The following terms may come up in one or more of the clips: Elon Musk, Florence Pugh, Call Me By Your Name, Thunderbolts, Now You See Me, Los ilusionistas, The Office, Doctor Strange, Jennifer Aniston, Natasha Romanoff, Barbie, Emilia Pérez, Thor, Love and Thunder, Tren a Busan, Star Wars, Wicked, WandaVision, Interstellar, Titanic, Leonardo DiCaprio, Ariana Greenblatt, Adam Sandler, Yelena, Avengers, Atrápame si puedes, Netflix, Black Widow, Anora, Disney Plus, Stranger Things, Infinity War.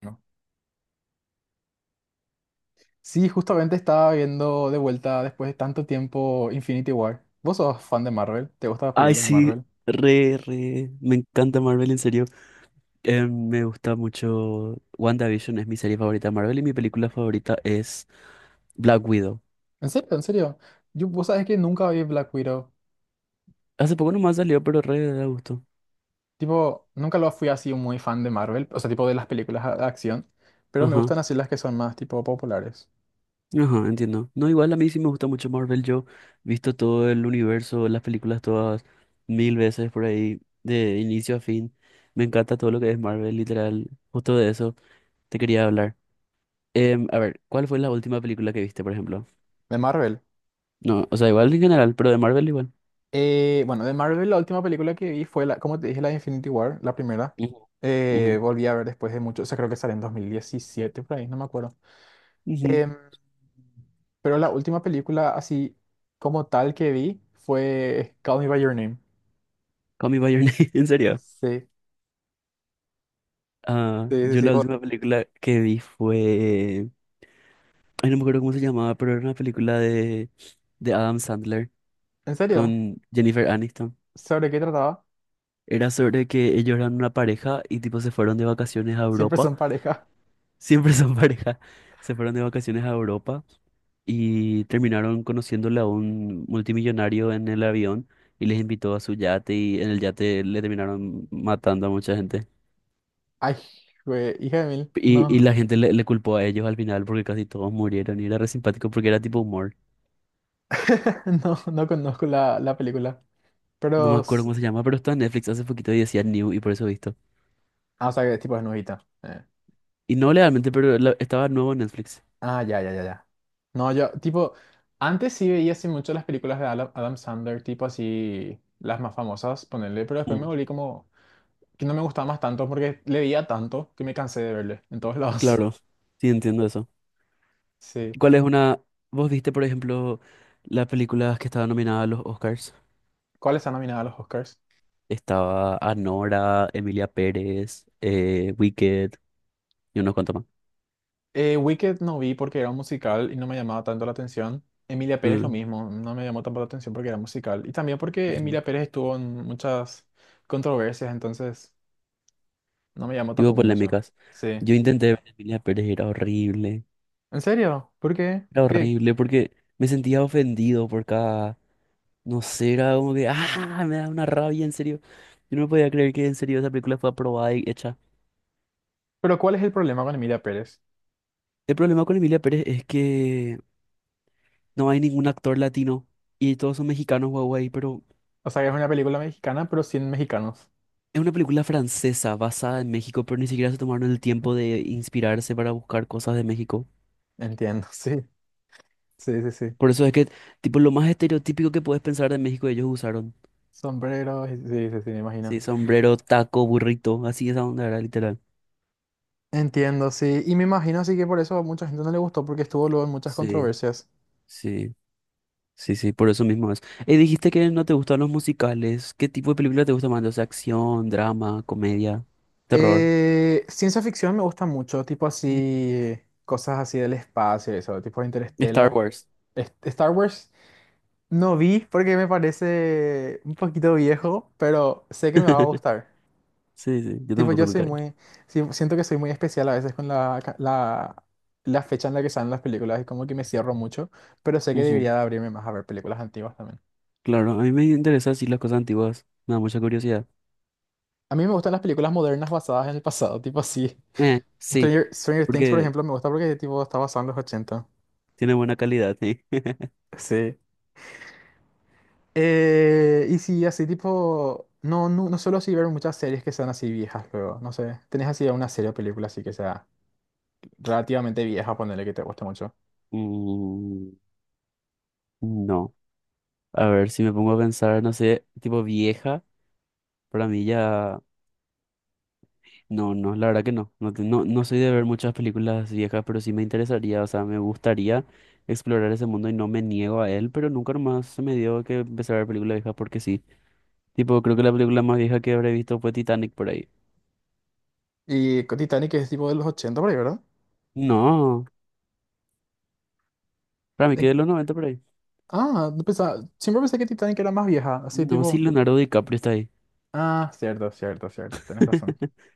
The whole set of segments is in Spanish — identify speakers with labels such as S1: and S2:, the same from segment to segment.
S1: ¿No? Sí, justamente estaba viendo de vuelta después de tanto tiempo Infinity War. ¿Vos sos fan de Marvel? ¿Te gustan las
S2: Ay,
S1: películas de
S2: sí,
S1: Marvel?
S2: re. Me encanta Marvel, en serio. Me gusta mucho. WandaVision es mi serie favorita de Marvel y mi película favorita es Black Widow.
S1: ¿En serio? ¿En serio? Vos sabés que nunca vi Black Widow.
S2: Hace poco nomás salió, pero re da gusto.
S1: Tipo, nunca lo fui así muy fan de Marvel, o sea, tipo de las películas de acción, pero me
S2: Ajá,
S1: gustan así las que son más tipo populares.
S2: ajá, entiendo. No, igual a mí sí me gusta mucho Marvel. Yo he visto todo el universo, las películas todas mil veces por ahí, de inicio a fin. Me encanta todo lo que es Marvel, literal. Justo de eso te quería hablar. A ver, ¿cuál fue la última película que viste, por ejemplo?
S1: De Marvel.
S2: No, o sea, igual en general, pero de Marvel igual.
S1: Bueno, de Marvel la última película que vi fue, como te dije, la de Infinity War, la primera.
S2: Ujú, ujú.
S1: Volví a ver después de mucho, o sea, creo que salió en 2017, por ahí, no me acuerdo.
S2: Ujú.
S1: Em, pero la última película así como tal que vi fue Call Me by Your Name.
S2: Call Me By Your Name, en serio.
S1: Sí,
S2: Ah,
S1: sí, sí,
S2: yo
S1: sí.
S2: la última película que vi fue... Ay, no me acuerdo cómo se llamaba, pero era una película de Adam Sandler
S1: ¿En serio?
S2: con Jennifer Aniston.
S1: ¿Sobre qué trataba?
S2: Era sobre que ellos eran una pareja y tipo se fueron de vacaciones a
S1: Siempre
S2: Europa.
S1: son pareja.
S2: Siempre son pareja. Se fueron de vacaciones a Europa y terminaron conociéndole a un multimillonario en el avión y les invitó a su yate y en el yate le terminaron matando a mucha gente.
S1: Ay, güey, hija de mil.
S2: Y
S1: No,
S2: la gente le culpó a ellos al final porque casi todos murieron y era re simpático porque era tipo humor.
S1: no, no conozco la película.
S2: No me
S1: Pero,
S2: acuerdo cómo se llama, pero estaba en Netflix hace poquito y decía New y por eso he visto.
S1: ah, o sea, que tipo es nuevita.
S2: Y no legalmente, pero la- estaba nuevo en Netflix.
S1: Ah, ya, ya, ya, ya. No, yo, tipo, antes sí veía así mucho las películas de Adam Sandler, tipo así, las más famosas, ponerle, pero después me
S2: Mm,
S1: volví como que no me gustaba más tanto porque le veía tanto que me cansé de verle en todos lados.
S2: claro, sí entiendo eso.
S1: Sí.
S2: ¿Cuál es una... ¿Vos viste, por ejemplo, las películas que estaban nominadas a los Oscars?
S1: ¿Cuáles están nominadas a los Oscars?
S2: Estaba Anora, Emilia Pérez, Wicked y unos cuantos más.
S1: Wicked no vi porque era un musical y no me llamaba tanto la atención. Emilia Pérez lo
S2: Mm,
S1: mismo, no me llamó tanto la atención porque era musical. Y también porque
S2: ujú.
S1: Emilia Pérez estuvo en muchas controversias, entonces no me llamó
S2: Tipo
S1: tampoco mucho.
S2: polémicas.
S1: Sí.
S2: Yo intenté ver Emilia Pérez y era horrible.
S1: ¿En serio? ¿Por qué?
S2: Era
S1: ¿Qué?
S2: horrible porque me sentía ofendido por cada, no sé, era como que, ah, me da una rabia, en serio. Yo no podía creer que en serio esa película fue aprobada y hecha.
S1: ¿Pero cuál es el problema con Emilia Pérez?
S2: El problema con Emilia Pérez es que no hay ningún actor latino y todos son mexicanos, guau, pero
S1: O sea, que es una película mexicana, pero sin mexicanos.
S2: es una película francesa basada en México, pero ni siquiera se tomaron el tiempo de inspirarse para buscar cosas de México.
S1: Entiendo, sí. Sí, sí, sí.
S2: Por eso es que, tipo, lo más estereotípico que puedes pensar de México ellos usaron.
S1: Sombreros, sí, sí, sí, me imagino.
S2: Sí, sombrero, taco, burrito, así esa onda era literal.
S1: Entiendo, sí. Y me imagino así que por eso a mucha gente no le gustó porque estuvo luego en muchas
S2: Sí,
S1: controversias.
S2: sí. Sí, sí, por eso mismo es. Dijiste que no te gustan los musicales. ¿Qué tipo de película te gusta más? O sea, acción, drama, comedia, terror.
S1: Ciencia ficción me gusta mucho, tipo
S2: Mm.
S1: así, cosas así del espacio, y eso, tipo
S2: Star
S1: Interstellar.
S2: Wars.
S1: Star Wars no vi porque me parece un poquito viejo, pero sé que me va a gustar.
S2: Sí, sí, yo
S1: Tipo,
S2: tampoco
S1: yo soy
S2: nunca vi.
S1: muy, sí, siento que soy muy especial a veces con la fecha en la que salen las películas y como que me cierro mucho, pero sé que
S2: Ujú.
S1: debería de abrirme más a ver películas antiguas también.
S2: Claro, a mí me interesan así las cosas antiguas. Me da mucha curiosidad.
S1: A mí me gustan las películas modernas basadas en el pasado, tipo así.
S2: Sí,
S1: Stranger Things, por
S2: porque
S1: ejemplo, me gusta porque tipo está basado en los 80.
S2: tiene buena calidad, sí.
S1: Sí. Y sí, así tipo... No, no, no suelo así ver muchas series que sean así viejas luego, no sé. ¿Tenés así una serie o película así que sea relativamente vieja, ponerle que te guste mucho?
S2: Mm, no. A ver, si me pongo a pensar, no sé, tipo vieja, para mí ya. No, no, la verdad que no. No, te- no, no soy de ver muchas películas viejas, pero sí me interesaría, o sea, me gustaría explorar ese mundo y no me niego a él, pero nunca más se me dio que empezar a ver películas viejas porque sí. Tipo, creo que la película más vieja que habré visto fue Titanic por ahí.
S1: Y con Titanic es tipo de los 80 por ahí, ¿verdad?
S2: No, para mí que
S1: De-
S2: de los noventa por ahí.
S1: Ah, no pensaba- siempre pensé que Titanic era más vieja, así
S2: No, sí,
S1: tipo...
S2: Leonardo DiCaprio está ahí.
S1: Ah, cierto, cierto, cierto, tenés razón.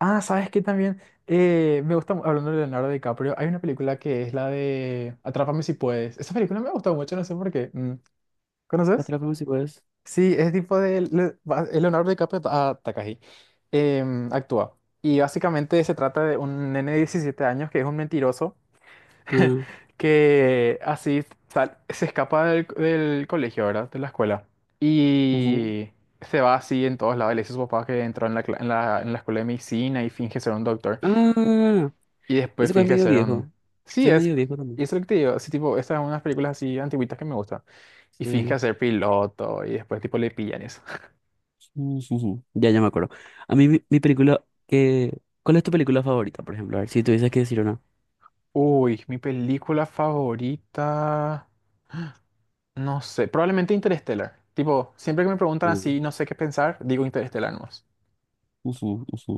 S1: Ah, ¿sabes qué también? Me gusta, hablando de Leonardo DiCaprio, hay una película que es la de Atrápame si puedes. Esa película me ha gustado mucho, no sé por qué. ¿Conoces?
S2: Atrápame si puedes.
S1: Sí, es tipo de es Leonardo DiCaprio a Takagi. Actúa. Y básicamente se trata de un nene de 17 años que es un mentiroso
S2: Ah,
S1: que así se escapa del colegio, ¿verdad? De la escuela.
S2: ujú.
S1: Y se va así en todos lados. Le dice a su papá que entró en la, cla- en la escuela de medicina y finge ser un doctor.
S2: Ah,
S1: Y después
S2: ese que es
S1: finge
S2: medio
S1: ser un...
S2: viejo. Ese
S1: Sí,
S2: es
S1: es...
S2: medio viejo también.
S1: Y eso es lo que te digo, así tipo, estas son unas películas así antiguitas que me gustan. Y finge
S2: Sí.
S1: ser piloto y después tipo le pillan eso.
S2: Ujujú, ya, ya me acuerdo. A mí, mi película que... ¿Cuál es tu película favorita, por ejemplo? A ver, si tuvieses que decir una.
S1: Uy, mi película favorita... No sé, probablemente Interstellar. Tipo, siempre que me preguntan
S2: Mm.
S1: así, no sé qué pensar, digo Interstellar nomás.
S2: Ujú, ujú.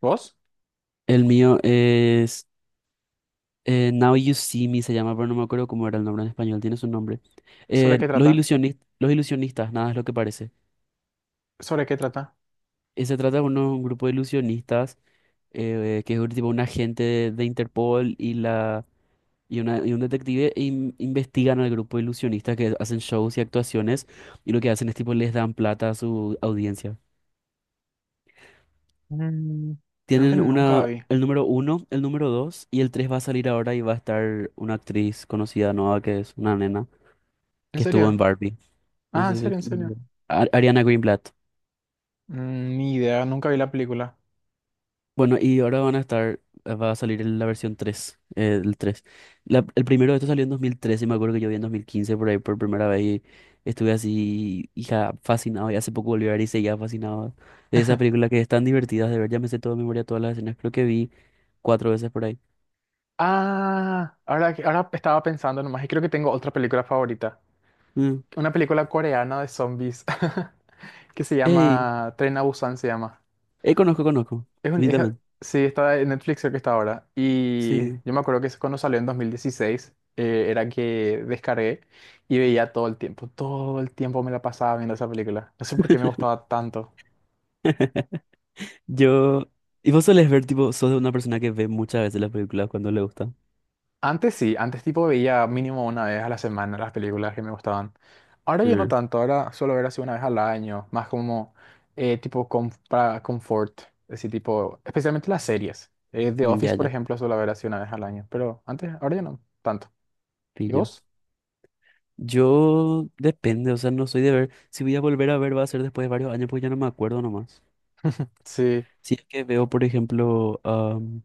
S1: ¿Vos?
S2: El mío es... Now You See Me se llama, pero no me acuerdo cómo era el nombre en español. Tiene su nombre.
S1: ¿Sobre qué trata?
S2: Los ilusionistas, nada es lo que parece.
S1: ¿Sobre qué trata?
S2: Se trata de un grupo de ilusionistas que es tipo un agente de Interpol y la... Y, un detective investigan al grupo de ilusionistas que hacen shows y actuaciones y lo que hacen es tipo les dan plata a su audiencia.
S1: Mm, Creo que
S2: Tienen
S1: nunca
S2: una,
S1: vi.
S2: el número uno, el número dos y el tres va a salir ahora y va a estar una actriz conocida nueva que es una nena
S1: ¿En
S2: que estuvo
S1: serio?
S2: en Barbie. No
S1: Ah, en
S2: sé si...
S1: serio, en serio.
S2: Ariana Greenblatt.
S1: Ni idea, nunca vi la película.
S2: Bueno, y ahora van a estar, va a salir la versión 3 el tres. La- el primero de esto salió en 2013, me acuerdo que yo vi en 2015 por ahí por primera vez y estuve así, hija, fascinado, y hace poco volví a ver y seguía fascinado de esa película que es tan divertida de ver, ya me sé toda de memoria todas las escenas, creo que vi cuatro veces por ahí.
S1: Ah, ahora, ahora estaba pensando nomás y creo que tengo otra película favorita.
S2: Mm.
S1: Una película coreana de zombies que se
S2: Ey,
S1: llama Tren a Busan se llama.
S2: ey, conozco, conozco,
S1: Es un,
S2: vi
S1: es-
S2: también,
S1: sí, está en Netflix creo que está ahora. Y
S2: sí.
S1: yo me acuerdo que cuando salió en 2016 era que descargué y veía todo el tiempo. Todo el tiempo me la pasaba viendo esa película. No sé por qué me gustaba tanto.
S2: Yo, y vos solés ver, tipo, sos de una persona que ve muchas veces las películas cuando le gusta.
S1: Antes sí, antes tipo veía mínimo una vez a la semana las películas que me gustaban. Ahora ya no
S2: Mm.
S1: tanto, ahora suelo ver así una vez al año, más como tipo para confort, así tipo, especialmente las series. The
S2: Mm,
S1: Office,
S2: ya,
S1: por
S2: ya,
S1: ejemplo, suelo ver así una vez al año, pero antes, ahora ya no tanto. ¿Y
S2: pillo.
S1: vos?
S2: Yo depende, o sea, no soy de ver. Si voy a volver a ver, va a ser después de varios años, pues ya no me acuerdo nomás.
S1: Sí,
S2: Si es que veo, por ejemplo,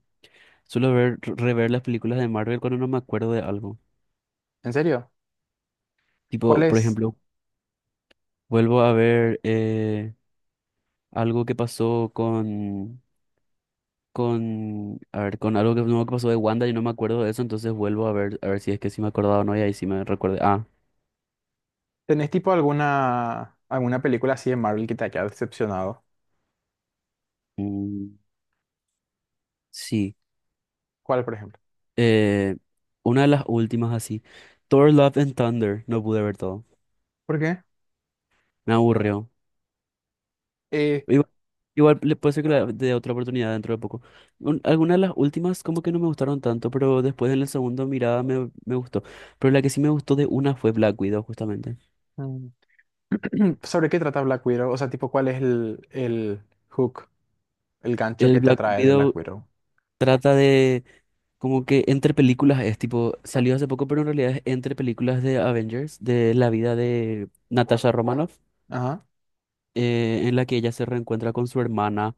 S2: suelo ver, rever las películas de Marvel cuando no me acuerdo de algo.
S1: ¿en serio? ¿Cuál
S2: Tipo, por
S1: es?
S2: ejemplo, vuelvo a ver algo que pasó con, a ver, con algo que, no, que pasó de Wanda y no me acuerdo de eso, entonces vuelvo a ver si es que sí me acordaba o no, y ahí sí me recuerdo. Ah,
S1: ¿Tenés tipo alguna película así de Marvel que te haya decepcionado?
S2: mm, sí.
S1: ¿Cuál, por ejemplo?
S2: Eh, una de las últimas así. Thor, Love and Thunder, no pude ver todo.
S1: ¿Por qué?
S2: Me aburrió.
S1: Eh,
S2: Igual, igual le puede ser que le dé otra oportunidad dentro de poco. Un- algunas de las últimas como que no me gustaron tanto, pero después en la segunda mirada me gustó. Pero la que sí me gustó de una fue Black Widow, justamente.
S1: mm, ¿sobre qué trata Black Widow? O sea, tipo, ¿cuál es el hook? El gancho
S2: El
S1: que te
S2: Black
S1: atrae de Black
S2: Widow
S1: Widow.
S2: trata de como que entre películas es tipo, salió hace poco, pero en realidad es entre películas de Avengers, de la vida de Natasha Romanoff,
S1: Ajá.
S2: en la que ella se reencuentra con su hermana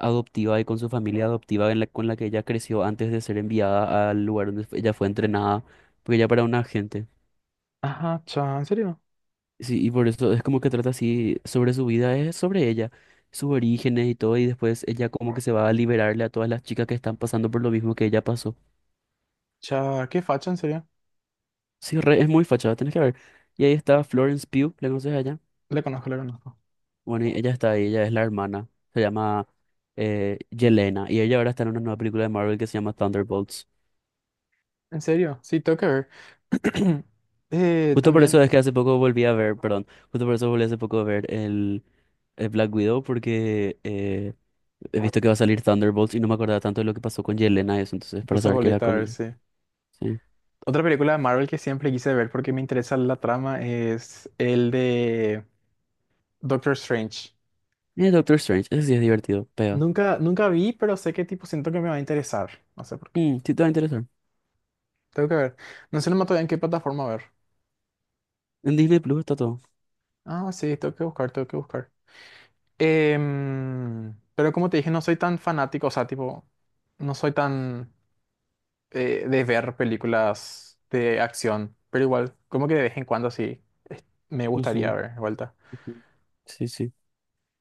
S2: adoptiva y con su familia adoptiva en la, con la que ella creció antes de ser enviada al lugar donde ella fue entrenada, porque ella era una agente.
S1: Ajá, cha, ¿en serio?
S2: Sí, y por eso es como que trata así sobre su vida, es sobre ella, sus orígenes y todo, y después ella como que se va a liberarle a todas las chicas que están pasando por lo mismo que ella pasó.
S1: Cha, qué facha, en serio.
S2: Sí, re- es muy fachada, tenés que ver. Y ahí está Florence Pugh, ¿la conoces a ella?
S1: Le conozco, le conozco.
S2: Bueno, y ella está ahí, ella es la hermana, se llama Yelena, y ella ahora está en una nueva película de Marvel que se llama Thunderbolts.
S1: ¿En serio? Sí, tengo que ver.
S2: Justo por eso
S1: También,
S2: es que hace poco volví a ver, perdón, justo por eso volví hace poco a ver el Black Widow porque he visto que va a salir Thunderbolts y no me acordaba tanto de lo que pasó con Yelena y eso, entonces para
S1: entonces
S2: saber qué era
S1: volviste a
S2: con
S1: ver,
S2: ella.
S1: sí.
S2: Sí.
S1: Otra película de Marvel que siempre quise ver porque me interesa la trama es el de Doctor Strange.
S2: Y Doctor Strange, ese sí es divertido, pega.
S1: Nunca vi, pero sé que tipo siento que me va a interesar. No sé por qué.
S2: Mm, sí, te va a interesar.
S1: Tengo que ver. No sé nomás todavía en qué plataforma ver.
S2: En Disney Plus está todo.
S1: Ah, sí, tengo que buscar, tengo que buscar. Pero como te dije, no soy tan fanático, o sea, tipo, no soy tan de ver películas de acción, pero igual, como que de vez en cuando sí me gustaría
S2: Ujú,
S1: ver de vuelta.
S2: ujú. Sí, sí.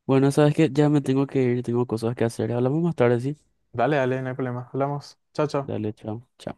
S2: Bueno, sabes que ya me tengo que ir, tengo cosas que hacer. Hablamos más tarde, sí.
S1: Dale, dale, no hay problema. Hablamos. Chao, chao.
S2: Dale, chao. Chao.